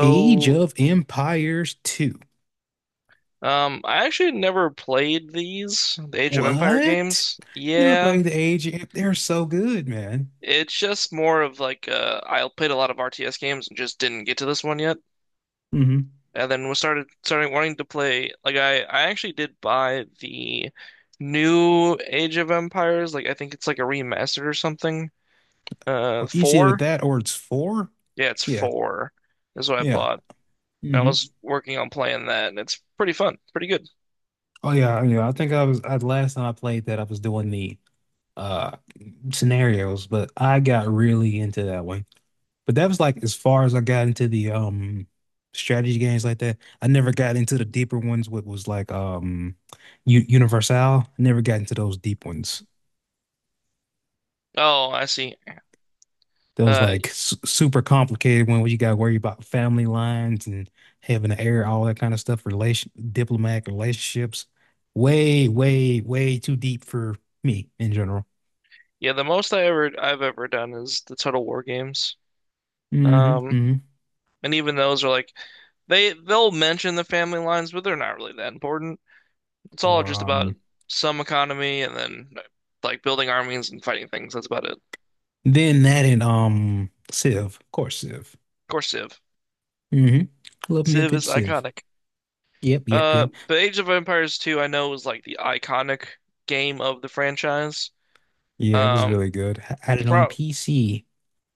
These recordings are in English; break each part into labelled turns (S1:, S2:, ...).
S1: Age of Empires 2.
S2: um, I actually never played the Age of Empire
S1: What?
S2: games.
S1: You never
S2: Yeah,
S1: played the Age of, they're so good, man.
S2: it's just more of like I played a lot of RTS games and just didn't get to this one yet.
S1: Hmm.
S2: And then was started starting wanting to play. Like I actually did buy the new Age of Empires. Like I think it's like a remastered or something.
S1: Or it's either
S2: Four.
S1: that or it's four.
S2: Yeah, it's
S1: Yeah.
S2: four. That's what I
S1: Yeah.
S2: bought. And I
S1: Hmm.
S2: was working on playing that, and it's pretty fun, pretty good.
S1: Oh yeah, yeah. I think last time I played that I was doing the uh scenarios, but I got really into that one. But that was like as far as I got into the strategy games like that. I never got into the deeper ones, what was like U Universal. I never got into those deep ones.
S2: Oh, I see.
S1: Those
S2: Uh,
S1: like su super complicated one where you got to worry about family lines and having to air all that kind of stuff, relation diplomatic relationships. Way, way, way too deep for me in general.
S2: Yeah, the most I've ever done is the Total War games.
S1: Hmm,
S2: Um,
S1: hmm.
S2: and even those are like they'll mention the family lines, but they're not really that important. It's all
S1: Or
S2: just about
S1: um,
S2: some economy and then like building armies and fighting things. That's about it. Of
S1: then that and Civ, of course, Civ.
S2: course, Civ.
S1: Hmm. Love me a
S2: Civ
S1: good
S2: is
S1: Civ.
S2: iconic.
S1: Yep, yep, yep.
S2: But Age of Empires 2, I know was like the iconic game of the franchise.
S1: Yeah, it was
S2: Um,
S1: really good. I had it on
S2: pro
S1: PC.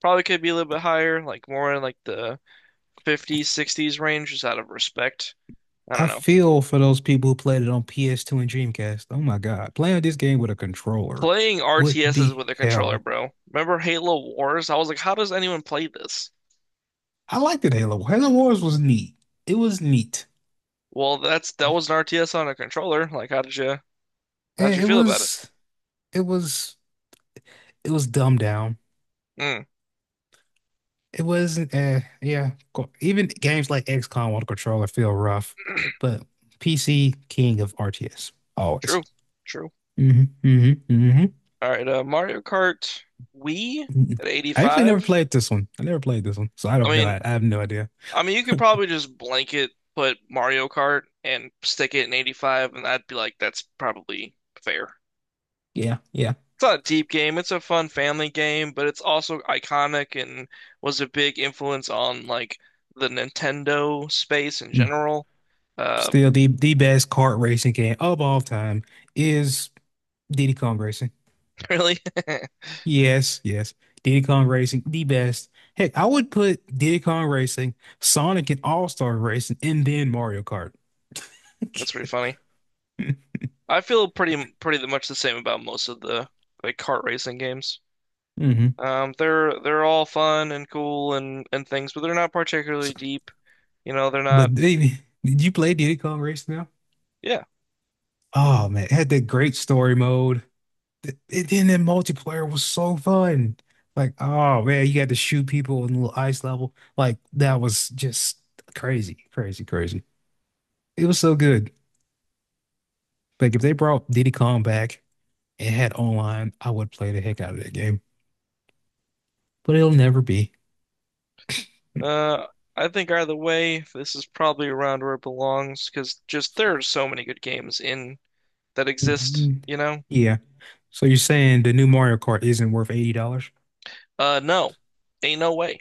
S2: Probably could be a little bit higher, like more in like the 50s, 60s range, just out of respect. I don't
S1: I
S2: know.
S1: feel for those people who played it on PS2 and Dreamcast. Oh my God. Playing this game with a controller
S2: Playing
S1: would
S2: RTSs
S1: be
S2: with a controller,
S1: hell.
S2: bro. Remember Halo Wars? I was like, how does anyone play this?
S1: I liked it, Halo. Halo Wars was neat. It was neat.
S2: Well, that was an RTS on a controller. How did you
S1: Eh, It
S2: feel about it?
S1: was it was it was dumbed down.
S2: Mm,
S1: It wasn't yeah, even games like XCOM on a controller feel rough, but PC king of RTS always.
S2: true, true.
S1: Hmm, hmm, hmm.
S2: All right, Mario Kart Wii at
S1: I actually
S2: 85.
S1: never played this one. I never played this one, so I
S2: I
S1: don't know.
S2: mean,
S1: I have no idea.
S2: I mean, you could probably just blanket put Mario Kart and stick it in 85, and I'd be like, that's probably fair.
S1: Yeah, yeah.
S2: It's not a deep game. It's a fun family game, but it's also iconic and was a big influence on like the Nintendo space in
S1: Mm-hmm.
S2: general. Uh,
S1: Still, the best kart racing game of all time is Diddy Kong Racing.
S2: really,
S1: Yes, yes, Diddy Kong Racing, the best. Heck, I would put Diddy Kong Racing, Sonic and All-Star Racing, and then Mario Kart.
S2: that's pretty funny. I feel pretty much the same about most of the like kart racing games.
S1: Hmm.
S2: They're all fun and cool and things, but they're not particularly deep. You know, they're not.
S1: But baby, did you play Diddy Kong Racing now?
S2: Yeah.
S1: Oh man, it had that great story mode. And then the multiplayer was so fun. Like, oh man, you got to shoot people in a little ice level. Like that was just crazy, crazy, crazy. It was so good. Like if they brought Diddy Kong back and had online, I would play the heck out of that game. But it'll never be.
S2: Uh, I think either way, this is probably around where it belongs because just there are so many good games in that exist,
S1: Mhm.
S2: you know?
S1: Yeah. So you're saying the new Mario Kart isn't worth $80?
S2: No, ain't no way.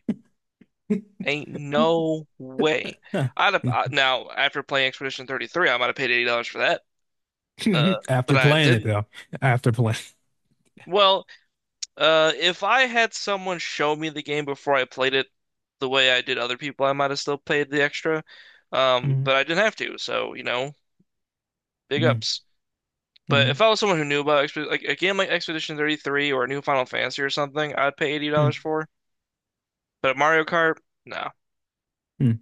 S2: Ain't no way.
S1: Huh.
S2: Now after playing Expedition 33, I might have paid $80 for that. Uh, but
S1: After
S2: I
S1: playing it
S2: didn't.
S1: though. After playing.
S2: Well, if I had someone show me the game before I played it the way I did other people, I might have still paid the extra.
S1: Mm,
S2: But I didn't have to, so you know, big
S1: mm,
S2: ups. But if
S1: mm,
S2: I was someone who knew about Exped like a game like Expedition 33 or a new Final Fantasy or something, I'd pay
S1: mm,
S2: $80 for. But Mario Kart, no.
S1: mm.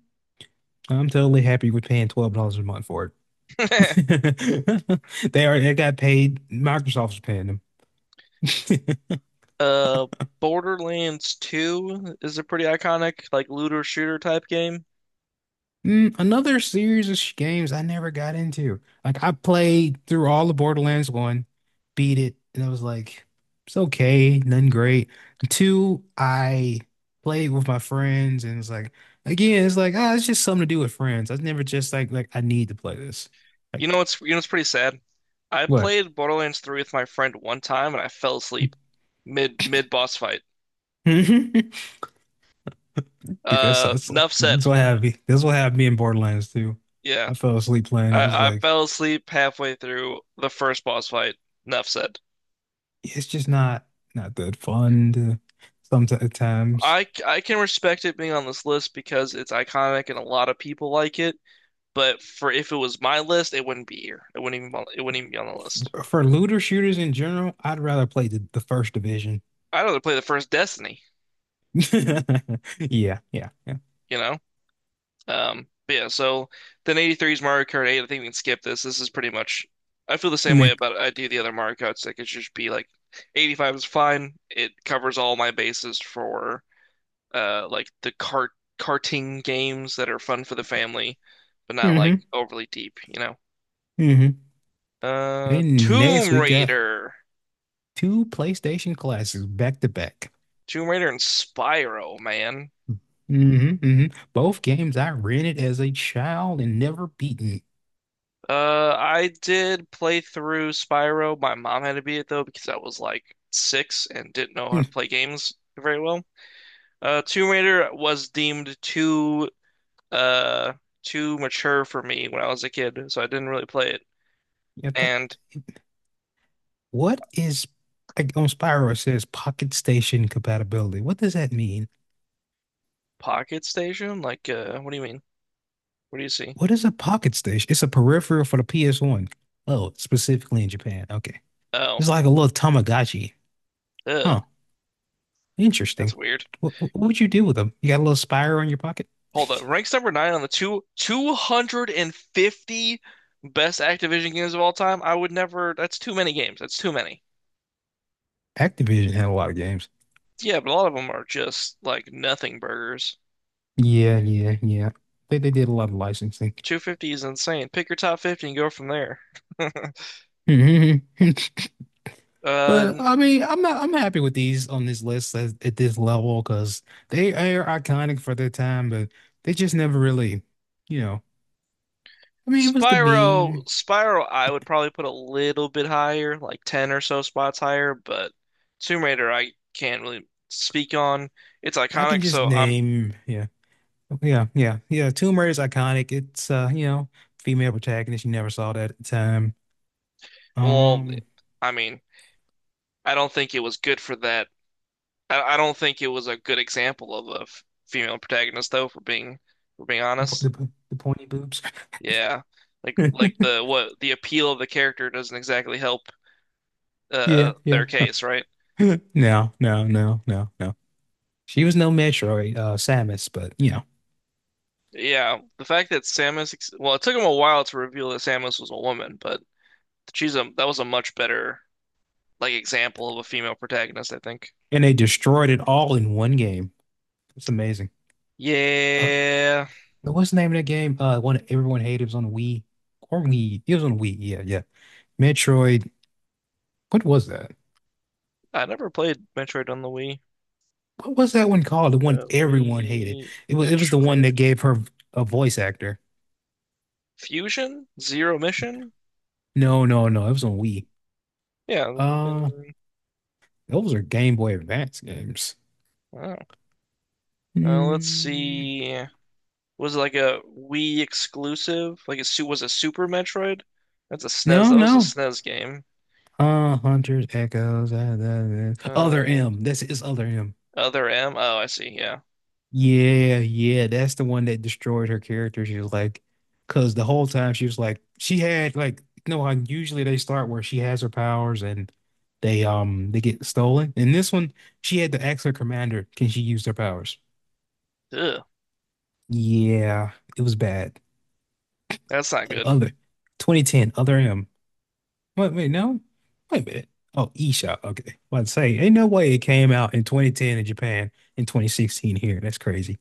S1: I'm totally happy with paying $12 a month for it. They got paid. Microsoft's paying them.
S2: Uh, Borderlands 2 is a pretty iconic, like looter shooter type game.
S1: Another series of games I never got into. Like I played through all the Borderlands one, beat it, and I was like, it's okay, nothing great. Two, I played with my friends, and it's like, again, it's like, it's just something to do with friends. I was never just like I need to play this. Like
S2: You know what's pretty sad? I
S1: what?
S2: played Borderlands 3 with my friend one time and I fell asleep mid boss fight.
S1: Dude, That's that's like
S2: Enough said.
S1: that's what happened. That's what happened me in Borderlands 2.
S2: Yeah.
S1: I fell asleep playing it. I was
S2: I
S1: like,
S2: fell asleep halfway through the first boss fight. Enough said.
S1: "Yeah, it's just not that fun to sometimes.
S2: I can respect it being on this list because it's iconic and a lot of people like it, but for if it was my list, it wouldn't be here. It wouldn't even be on the list.
S1: For looter shooters in general, I'd rather play the first division.
S2: I'd rather play the first Destiny,
S1: Yeah, yeah, yeah.
S2: you know? But yeah, so then 83 is Mario Kart 8. I think we can skip this. This is pretty much, I feel the same way
S1: Meh.
S2: about I do the other Mario Karts. Like it should just be like 85 is fine. It covers all my bases for like the cart karting games that are fun for the family, but not like
S1: Mm-hmm.
S2: overly deep, you know.
S1: Mm-hmm.
S2: Uh,
S1: And next
S2: Tomb
S1: we got
S2: Raider,
S1: two PlayStation classics back to back.
S2: Tomb Raider and Spyro, man.
S1: Hmm, hmm. Both games I rented as a child and never beaten.
S2: I did play through Spyro. My mom had to beat it though because I was like six and didn't know how
S1: Hmm.
S2: to play games very well. Tomb Raider was deemed uh too mature for me when I was a kid, so I didn't really play it.
S1: Yeah, that,
S2: And
S1: what is, like, on Spyro it says Pocket Station compatibility. What does that mean?
S2: Pocket Station, like, what do you mean? What do you see?
S1: What is a Pocket Station? It's a peripheral for the PS1. Oh, specifically in Japan. Okay. It's
S2: Oh,
S1: like a little Tamagotchi.
S2: ugh,
S1: Huh.
S2: that's
S1: Interesting.
S2: weird.
S1: What would you do with them? You got a little Spyro in your pocket?
S2: Hold up, ranks number nine on the two 250 best Activision games of all time. I would never. That's too many games. That's too many.
S1: Activision had a lot of games.
S2: Yeah, but a lot of them are just like nothing burgers.
S1: Yeah, yeah, yeah. They did a lot of licensing.
S2: 250 is insane. Pick your top 50 and go from there.
S1: But
S2: Uh,
S1: I mean, I'm not I'm happy with these on this list at this level because they are iconic for their time, but they just never really, you know. I mean, it was the meme.
S2: Spyro, I would probably put a little bit higher, like 10 or so spots higher, but Tomb Raider, I can't really speak on. It's
S1: I can
S2: iconic,
S1: just name, yeah, yeah, yeah, yeah. Tomb Raider is iconic. It's female protagonist. You never saw that at the time.
S2: well,
S1: Um,
S2: I mean, I don't think it was good for that. I don't think it was a good example of a f- female protagonist, for being
S1: the po- the,
S2: honest.
S1: po- the pointy boobs.
S2: Yeah. Like the what the appeal of the character doesn't exactly help
S1: Yeah, yeah.
S2: their case, right?
S1: No, no, no, no, no. She was no Metroid, Samus, but you know,
S2: Yeah, the fact that Samus ex- well, it took him a while to reveal that Samus was a woman, but she's a that was a much better like example of a female protagonist, I think.
S1: and they destroyed it all in one game. It's amazing. Uh,
S2: Yeah,
S1: what's the name of that game? One that everyone hated it was on Wii or Wii. It was on Wii. Yeah, yeah. Metroid. What was that?
S2: I never played Metroid on the Wii.
S1: What was that one called? The one
S2: Uh,
S1: everyone hated.
S2: Wii
S1: It was the one that
S2: Metroid
S1: gave her a voice actor.
S2: Fusion Zero Mission.
S1: No, no, no. It was on Wii.
S2: Yeah, I'm
S1: Uh,
S2: looking.
S1: those are Game Boy Advance games.
S2: Oh, let's
S1: Mm,
S2: see. Was like a Wii exclusive. Like a su Was a Super Metroid. That's a SNES.
S1: no,
S2: That was a
S1: no.
S2: SNES game.
S1: Hunter's Echoes. Other
S2: Uh,
S1: M. That's his other M.
S2: Other M. Oh, I see. Yeah.
S1: Yeah, yeah. That's the one that destroyed her character. She was like, because the whole time she was like, she had like, no, how usually they start where she has her powers and they get stolen. In this one, she had to ask her commander, can she use their powers?
S2: Ugh,
S1: Yeah, it was bad.
S2: that's not good.
S1: Other 2010, other M. Wait, wait, no. Wait a minute. Oh, eShop. Okay. Well, I'd say, ain't no way it came out in 2010 in Japan and 2016 here. That's crazy.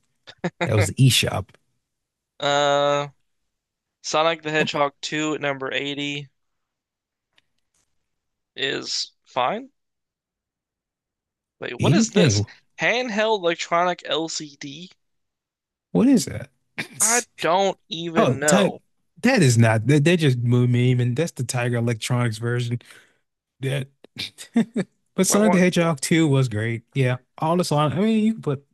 S1: That was the eShop.
S2: Uh, Sonic the
S1: Oh,
S2: Hedgehog 2 at number 80 is fine. Wait, what
S1: E?
S2: is this?
S1: Hey,
S2: Handheld electronic LCD?
S1: what is that?
S2: I don't
S1: Oh,
S2: even
S1: type.
S2: know.
S1: That is not. That they just moved meme, and that's the Tiger Electronics version. That. But Sonic the
S2: What?
S1: Hedgehog 2 was great. Yeah, all the Sonic. I mean, you can put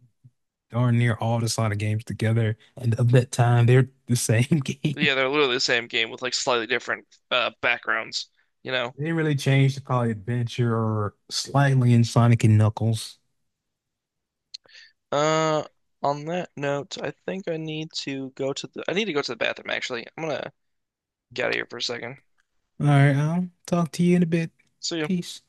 S1: darn near all the Sonic games together, and of that time, they're the same game.
S2: Yeah, they're literally the same game with like slightly different backgrounds, you know.
S1: They didn't really change to probably Adventure or slightly in Sonic and Knuckles.
S2: Uh, on that note, I think I need to go to the I need to go to the bathroom actually. I'm gonna get out of here for a second.
S1: All right, I'll talk to you in a bit.
S2: See ya.
S1: Peace.